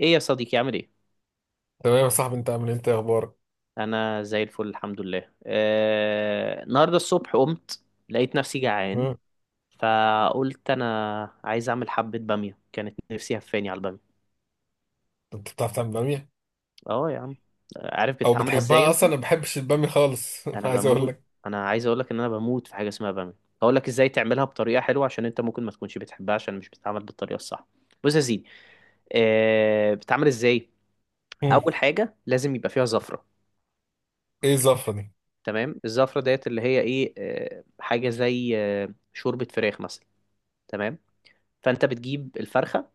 ايه يا صديقي، عامل ايه؟ تمام يا صاحبي، انت عامل ايه؟ انت ايه اخبارك؟ انا زي الفل الحمد لله. النهارده الصبح قمت، لقيت نفسي جعان، مم. فقلت انا عايز اعمل حبة بامية. كانت نفسي هفاني على البامية. انت بتعرف تعمل باميه اه يا عم. عارف او بتتعمل ازاي بتحبها انت؟ اصلا؟ انا ما بحبش الباميه خالص. انا عايز اقول بموت. لك. انا عايز اقولك ان انا بموت في حاجة اسمها بامية. هقول لك ازاي تعملها بطريقة حلوة، عشان انت ممكن ما تكونش بتحبها عشان مش بتتعمل بالطريقة الصح. بص يا سيدي، بتتعمل ازاي. مم. اول حاجة لازم يبقى فيها زفرة. ايه الزفره دي؟ تمام، الزفرة ديت اللي هي ايه، حاجة زي شوربة فراخ مثلا. تمام. فانت بتجيب الفرخة،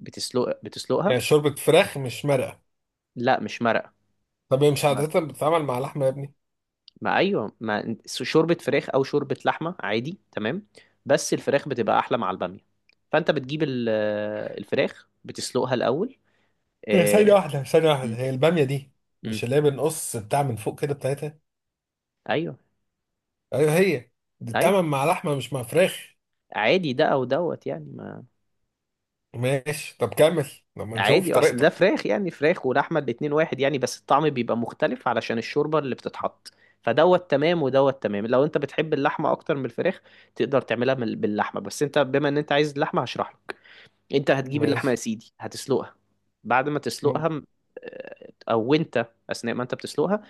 يعني بتسلقها. شوربه فراخ مش مرقه؟ لا، مش مرقة. طب هي مش مش مرق. عاده بتتعمل مع لحمه يا ابني؟ ما ايوه، ما شوربة فراخ او شوربة لحمة عادي، تمام. بس الفراخ بتبقى احلى مع البامية. فانت بتجيب الفراخ بتسلقها الاول. هي ثانيه آه، واحده ثانيه واحده مم. هي الباميه دي مم. مش اللي هي بنقص بتاع من فوق كده بتاعتها؟ ايوه. ايوه هي. دي بتتعمل ايوه. مع لحمه مش مع فراخ. عادي، ده او دوت يعني. ماشي، طب كمل لما نشوف عادي، اصل ده طريقتك. فراخ. يعني فراخ ولحمه الاتنين واحد يعني، بس الطعم بيبقى مختلف علشان الشوربه اللي بتتحط. فدوت تمام، ودوت تمام لو انت بتحب اللحمه اكتر من الفراخ. تقدر تعملها باللحمه، بس انت بما ان انت عايز اللحمه هشرح لك. انت هتجيب اللحمه يا ماشي. سيدي، هتسلقها. بعد ما مم. تسلقها او انت اثناء ما انت بتسلقها،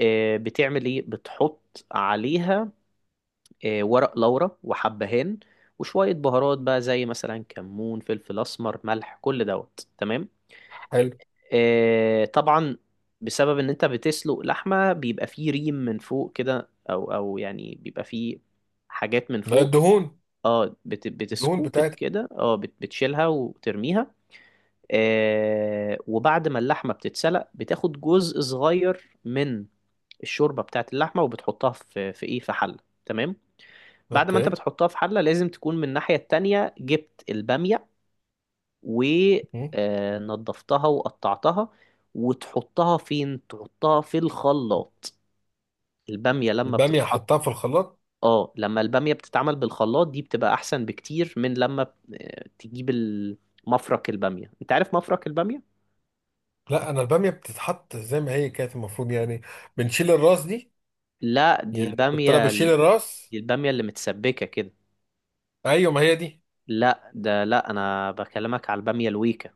بتعمل ايه؟ بتحط عليها ورق لورا وحبهان، وشويه بهارات بقى زي مثلا كمون، فلفل اسمر، ملح، كل دوت تمام. حلو. طبعا بسبب ان انت بتسلق لحمة بيبقى فيه ريم من فوق كده، او يعني بيبقى فيه حاجات من لا، فوق. الدهون، اه، الدهون بتسكوبت بتاعتها. كده، اه بتشيلها وترميها. وبعد ما اللحمة بتتسلق بتاخد جزء صغير من الشوربة بتاعت اللحمة وبتحطها في ايه، في حلة. تمام. بعد ما انت اوكي. بتحطها في حلة لازم تكون من الناحية التانية جبت البامية مم. ونضفتها وقطعتها. وتحطها فين؟ تحطها في الخلاط. البامية لما الباميه بتتحط. هحطها في الخلاط؟ اه، لما البامية بتتعمل بالخلاط دي بتبقى احسن بكتير من لما تجيب مفرك البامية. انت عارف مفرك البامية؟ لا، انا الباميه بتتحط زي ما هي كانت المفروض يعني، بنشيل الراس دي. لا، يعني كنت انا بشيل الراس. دي البامية اللي متسبكة كده. ايوه، ما هي دي. لا ده، لا انا بكلمك على البامية الويكة.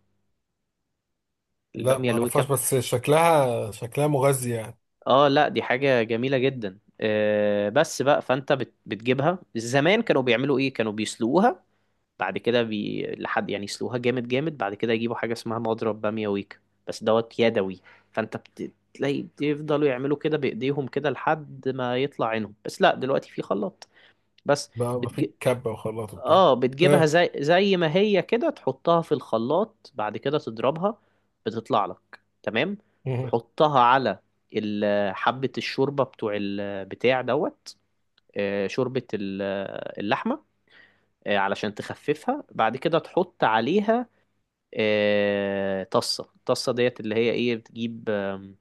لا البامية ما الويكة اعرفهاش، بس شكلها، شكلها مغذي يعني. اه لا، دي حاجة جميلة جدا. بس بقى فانت بتجيبها. زمان كانوا بيعملوا ايه؟ كانوا بيسلقوها، بعد كده لحد يعني يسلقوها جامد جامد، بعد كده يجيبوا حاجة اسمها مضرب بامية ويك، بس دوت يدوي. فانت تلاقي بيفضلوا يعملوا كده بايديهم كده لحد ما يطلع عينهم. بس لا، دلوقتي في خلاط بس. بقى ما بتج... في كبه وخلاط وبتاع. اه، بتجيبها اه. زي ما هي كده، تحطها في الخلاط بعد كده تضربها. بتطلع لك تمام. مهم. تحطها على حبة الشوربة بتوع البتاع دوت، شوربة اللحمة، علشان تخففها. بعد كده تحط عليها طصة. الطصة ديت اللي هي ايه، بتجيب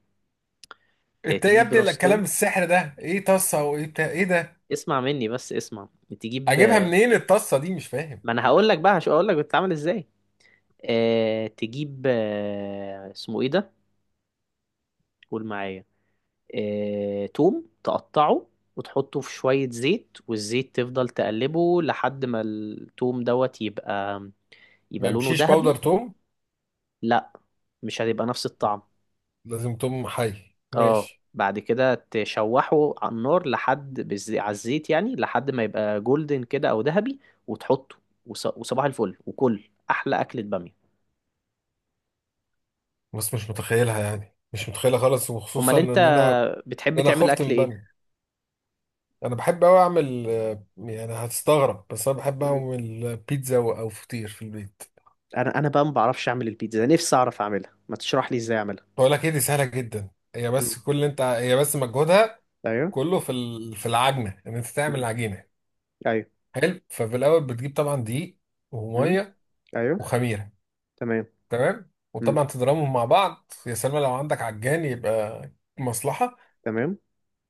انت إيه يا تجيب ابني راس الكلام توم. السحر ده؟ ايه طاسه وايه بتاع ايه ده؟ اسمع مني بس، اسمع. تجيب اجيبها منين الطاسه دي؟ مش فاهم. ما انا هقول لك بقى، هقول لك بتتعمل ازاي. تجيب اسمه ايه ده، قول معايا، توم تقطعه وتحطه في شوية زيت. والزيت تفضل تقلبه لحد ما التوم دوت يبقى، ما لونه يمشيش باودر ذهبي. توم؟ لا، مش هتبقى نفس الطعم. لازم توم حي؟ اه، ماشي. بعد كده تشوحه على النار لحد على الزيت يعني، لحد ما يبقى جولدن كده او ذهبي، وتحطه، وصباح الفل، وكل احلى اكلة بامية. بس مش متخيلها يعني، مش متخيلها خالص، امال وخصوصا ان انت انا ان بتحب انا تعمل خفت من اكل ايه؟ الباميه. انا بحب اوي اعمل، يعني هتستغرب، بس انا بحب مم. اعمل بيتزا او فطير في البيت. انا بقى ما بعرفش اعمل البيتزا، نفسي اعرف اعملها، ما تشرح لي ازاي اعملها. بقول لك ايه، دي سهله جدا هي، مم. بس كل اللي انت، هي بس مجهودها ايوه. كله في في العجنه، ان انت تعمل مم. العجينه. ايوه. حلو. ففي الاول بتجيب طبعا دقيق مم. وميه ايوه. وخميره. تمام. تمام. مم. وطبعا تضربهم مع بعض يا سلمى، لو عندك عجان يبقى مصلحه. تمام.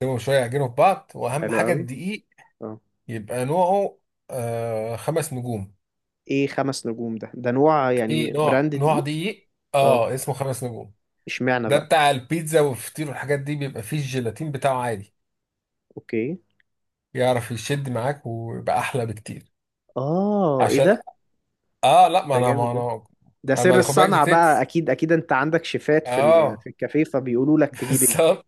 تسيبهم شويه يعجنوا في بعض، واهم حلو حاجه قوي. الدقيق اه. يبقى نوعه خمس نجوم. ايه خمس نجوم ده؟ ده نوع في يعني، نوع، براند نوع دقيق؟ دقيق اه. اه اسمه خمس نجوم. اشمعنى ده بقى؟ بتاع البيتزا والفطير والحاجات دي، بيبقى فيه الجيلاتين بتاعه عادي، اوكي. يعرف يشد معاك ويبقى احلى بكتير. اه، ايه عشان ده؟ اه، لا، ما ده انا جامد ما ده. انا ده سر اما خد بالك دي الصنعة بقى. تيبس. اكيد اكيد انت عندك شيفات في اه. الكافيه فبيقولوا لك تجيب ايه. بالظبط.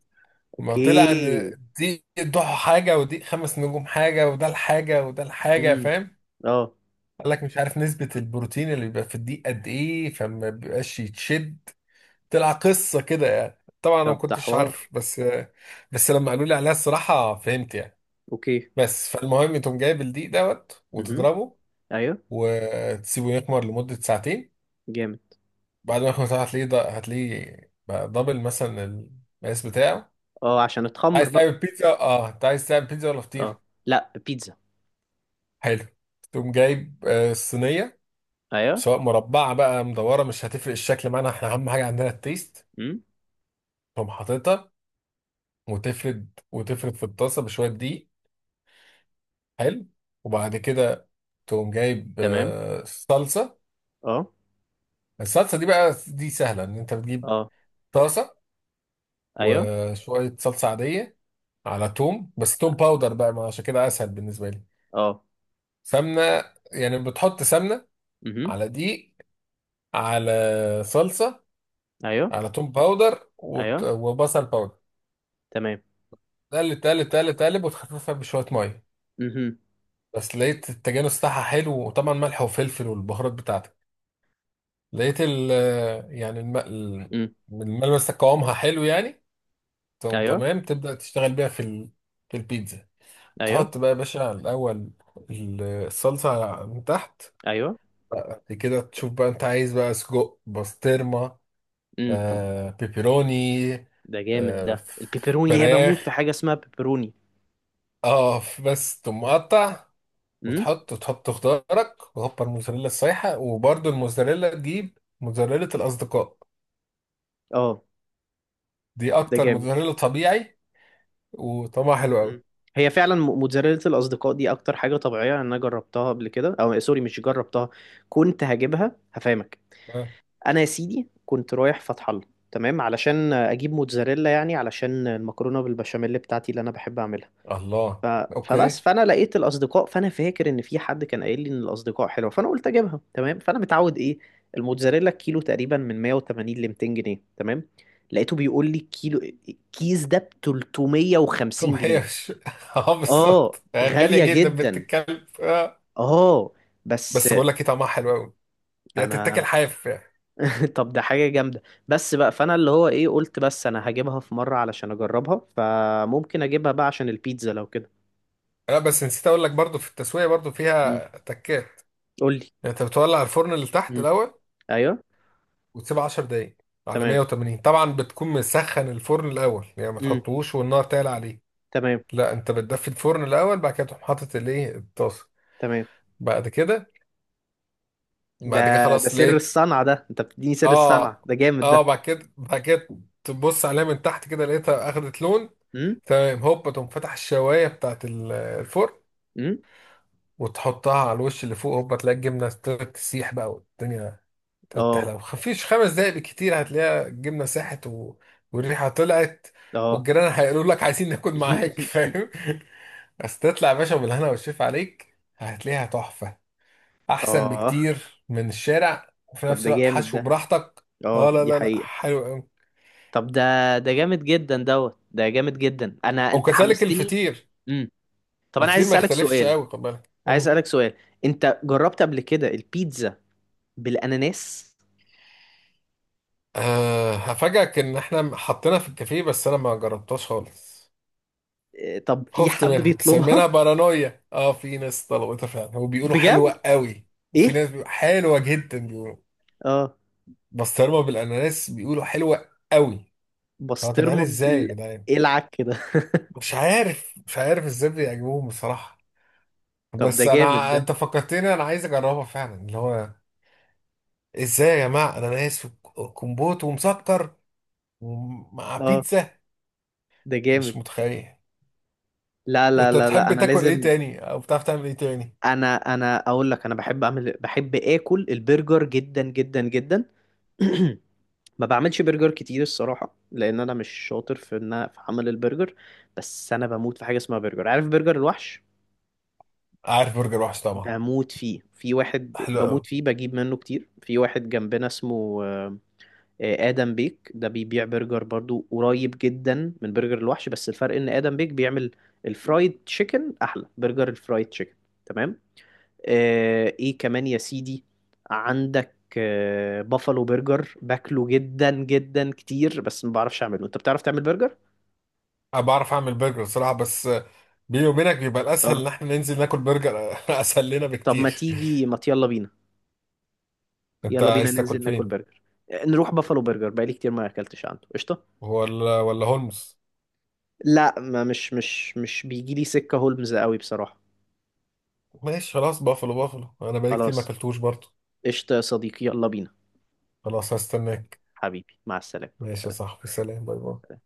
ما طلع ان اوكي. دي ضحى حاجه، ودي خمس نجوم حاجه، وده الحاجه، وده الحاجه، امم. فاهم؟ اه. قال لك مش عارف نسبه البروتين اللي بيبقى في الدقيق قد ايه، فما بيبقاش يتشد. طلع قصه كده يعني. طبعا انا ما طب ده كنتش عارف، حوار. بس بس لما قالوا لي عليها الصراحه فهمت يعني. اوكي. بس فالمهم تقوم جايب الدقيق دوت امم. وتضربه، ايوه. وتسيبه يخمر لمدة ساعتين. جامد. بعد ما يخمر ساعة هتلاقيه هتلاقيه بقى دبل مثلا، المقاس بتاعه. اه، عشان اتخمر عايز بقى. تعمل بيتزا؟ اه انت عايز تعمل بيتزا ولا فطير؟ اه لا، بيتزا. حلو. تقوم جايب الصينية، ايوه. سواء مربعة بقى مدورة مش هتفرق، الشكل معانا احنا أهم حاجة عندنا التيست. امم. تقوم حاططها وتفرد، وتفرد في الطاسة بشوية دقيق. حلو. وبعد كده تقوم جايب تمام. صلصة. اه. الصلصة دي بقى دي سهلة، إن أنت بتجيب اه. طاسة ايوه. وشوية صلصة عادية، على توم، بس توم باودر بقى، ما عشان كده أسهل بالنسبة لي. اه. سمنة، يعني بتحط سمنة امم. على دقيق، على صلصة، ايوه. على توم باودر، ايوه. وبصل باودر. تمام. تقلب تقلب تقلب تقلب، وتخففها بشوية مية، امم. بس لقيت التجانس بتاعها حلو. وطبعا ملح وفلفل والبهارات بتاعتك. لقيت ال، يعني امم. الملمس، قوامها حلو يعني. تقوم ايوه. تمام تبدأ تشتغل بيها في البيتزا. ايوه. تحط بقى يا باشا الأول الصلصة من تحت. ايوه. بعد كده تشوف بقى أنت عايز، بقى سجق، بسطرمة، امم. آه بيبروني، ده جامد آه ده ف- البيبروني. هي بموت في فراخ، حاجة اسمها بيبروني. اه، بس تقوم مقطع. امم. وتحط، وتحط خضارك، وهوبا الموزاريلا السايحة. وبرده الموزاريلا تجيب موزاريلا الأصدقاء، اه. دي ده أكتر جامد. موزاريلا طبيعي وطعمها حلو أوي. مم. هي فعلا موتزاريلا الاصدقاء دي اكتر حاجه طبيعيه، لأن انا جربتها قبل كده. او سوري، مش جربتها، كنت هجيبها هفهمك. آه. انا يا سيدي كنت رايح فتح الله، تمام، علشان اجيب موتزاريلا، يعني علشان المكرونه بالبشاميل بتاعتي اللي انا بحب اعملها. ف... الله. فبس أوكي. فانا لقيت الاصدقاء، فانا فاكر ان في حد كان قايل لي ان الاصدقاء حلوه، فانا قلت اجيبها. تمام، فانا متعود ايه، الموتزاريلا الكيلو تقريبا من 180 ل 200 جنيه. تمام، لقيته بيقول لي كيلو كيس ده ب ثم 350 جنيه. هي مش اه اه، بالظبط، غالية غالية جدا بنت جدا. الكلب. اه. بس. بس بقول لك ايه، طعمها حلو قوي، يعني تتاكل انا حاف يعني. طب، ده حاجة جامدة. بس بقى فانا اللي هو ايه قلت بس انا هجيبها في مرة علشان اجربها. فممكن اجيبها بقى عشان البيتزا لو كده. لا بس نسيت اقول لك برضو في التسويه برضو امم. فيها تكات. قول لي. يعني انت بتولع الفرن اللي تحت امم. الاول، ايوه. وتسيبه 10 دقايق على تمام. 180، طبعا بتكون مسخن الفرن الاول يعني، ما امم. تحطوش والنار تعلى عليه. تمام. لا، انت بتدفي الفرن الاول، بعد كده تقوم حاطط الايه الطاسه. تمام. بعد كده، ده بعد كده ده خلاص سر لقيت. الصنعة ده، انت بتديني سر الصنعة، اه ده جامد اه. ده. بعد كده تبص عليها من تحت كده، لقيتها اخدت لون. امم. تمام، هوبا تقوم فتح الشوايه بتاعت الفرن، امم. وتحطها على الوش اللي فوق. هوبا تلاقي الجبنة ابتدت تسيح بقى، والدنيا تفتح، اه. لو مفيش 5 دقايق بالكتير هتلاقيها الجبنة ساحت والريحة طلعت، اه. والجيران هيقولوا لك عايزين ناكل معاك، فاهم؟ بس تطلع يا باشا بالهنا والشيف عليك، هتلاقيها تحفة، أحسن اه. بكتير من الشارع، وفي طب نفس ده الوقت جامد حشو ده. براحتك. اه. اه، لا دي لا لا، حقيقة. حلو أوي. طب ده، ده جامد جدا دوت، ده جامد جدا. انت وكذلك حمستني. الفطير، امم. طب، انا عايز الفطير ما اسالك يختلفش سؤال. قوي، خد بالك. عايز اسالك سؤال، انت جربت قبل كده البيتزا بالاناناس؟ أه هفاجئك إن إحنا حطينا في الكافيه، بس أنا ما جربتهاش خالص. إيه، طب في خفت حد منها، مسمينها بيطلبها؟ بارانويا. اه في ناس طلبتها فعلا وبيقولوا بجد؟ حلوة قوي. وفي ايه. ناس بيقولوا حلوة جدا، بيقولوا اه. بسطرمة بالاناناس بيقولوا حلوة قوي. هو يا جدعان بسطرمه ازاي يا جدعان، إيه العك كده. مش عارف، مش عارف ازاي بيعجبوهم بصراحة. طب ده بس جامد انا، ده. انت فكرتني انا عايز اجربها فعلا، اللي هو ازاي يا جماعة اناناس وكمبوت ومسكر ومع اه، بيتزا؟ ده مش جامد. متخيل. لا لا انت لا لا، بتحب انا تاكل ايه لازم. تاني او بتعرف تعمل ايه تاني؟ انا اقول لك، انا بحب اعمل، بحب اكل البرجر جدا جدا جدا. ما بعملش برجر كتير الصراحه، لان انا مش شاطر في ان في عمل البرجر، بس انا بموت في حاجه اسمها برجر. عارف برجر الوحش؟ عارف برجر وحش طبعا. بموت فيه. في واحد بموت حلو. فيه، بجيب منه كتير. في واحد جنبنا اسمه آدم بيك. ده بيبيع برجر برضو قريب جدا من برجر الوحش. بس الفرق ان آدم بيك بيعمل الفرايد تشيكن، احلى برجر الفرايد تشيكن، تمام. ايه كمان يا سيدي؟ عندك بافالو برجر، باكله جدا جدا كتير، بس ما بعرفش اعمله. انت بتعرف تعمل برجر؟ أنا بعرف أعمل برجر صراحة، بس بيني وبينك بيبقى الأسهل اه. إن إحنا ننزل ناكل برجر. أسهل لنا طب ما بكتير. تيجي، ما يلا بينا، أنت يلا بينا عايز ننزل تاكل ناكل فين؟ برجر. نروح بافالو برجر، بقالي كتير ما اكلتش عنده. قشطة. ولا، ولا هولمز؟ لا، ما مش بيجي لي سكة هولمز قوي بصراحة. ماشي خلاص، بافلو، بافلو أنا بقالي كتير ما خلاص، أكلتوش برضه. قشطة يا صديقي، يلا بينا. خلاص، هستناك. حبيبي، مع السلامة، ماشي يا سلام. صاحبي، سلام، باي باي.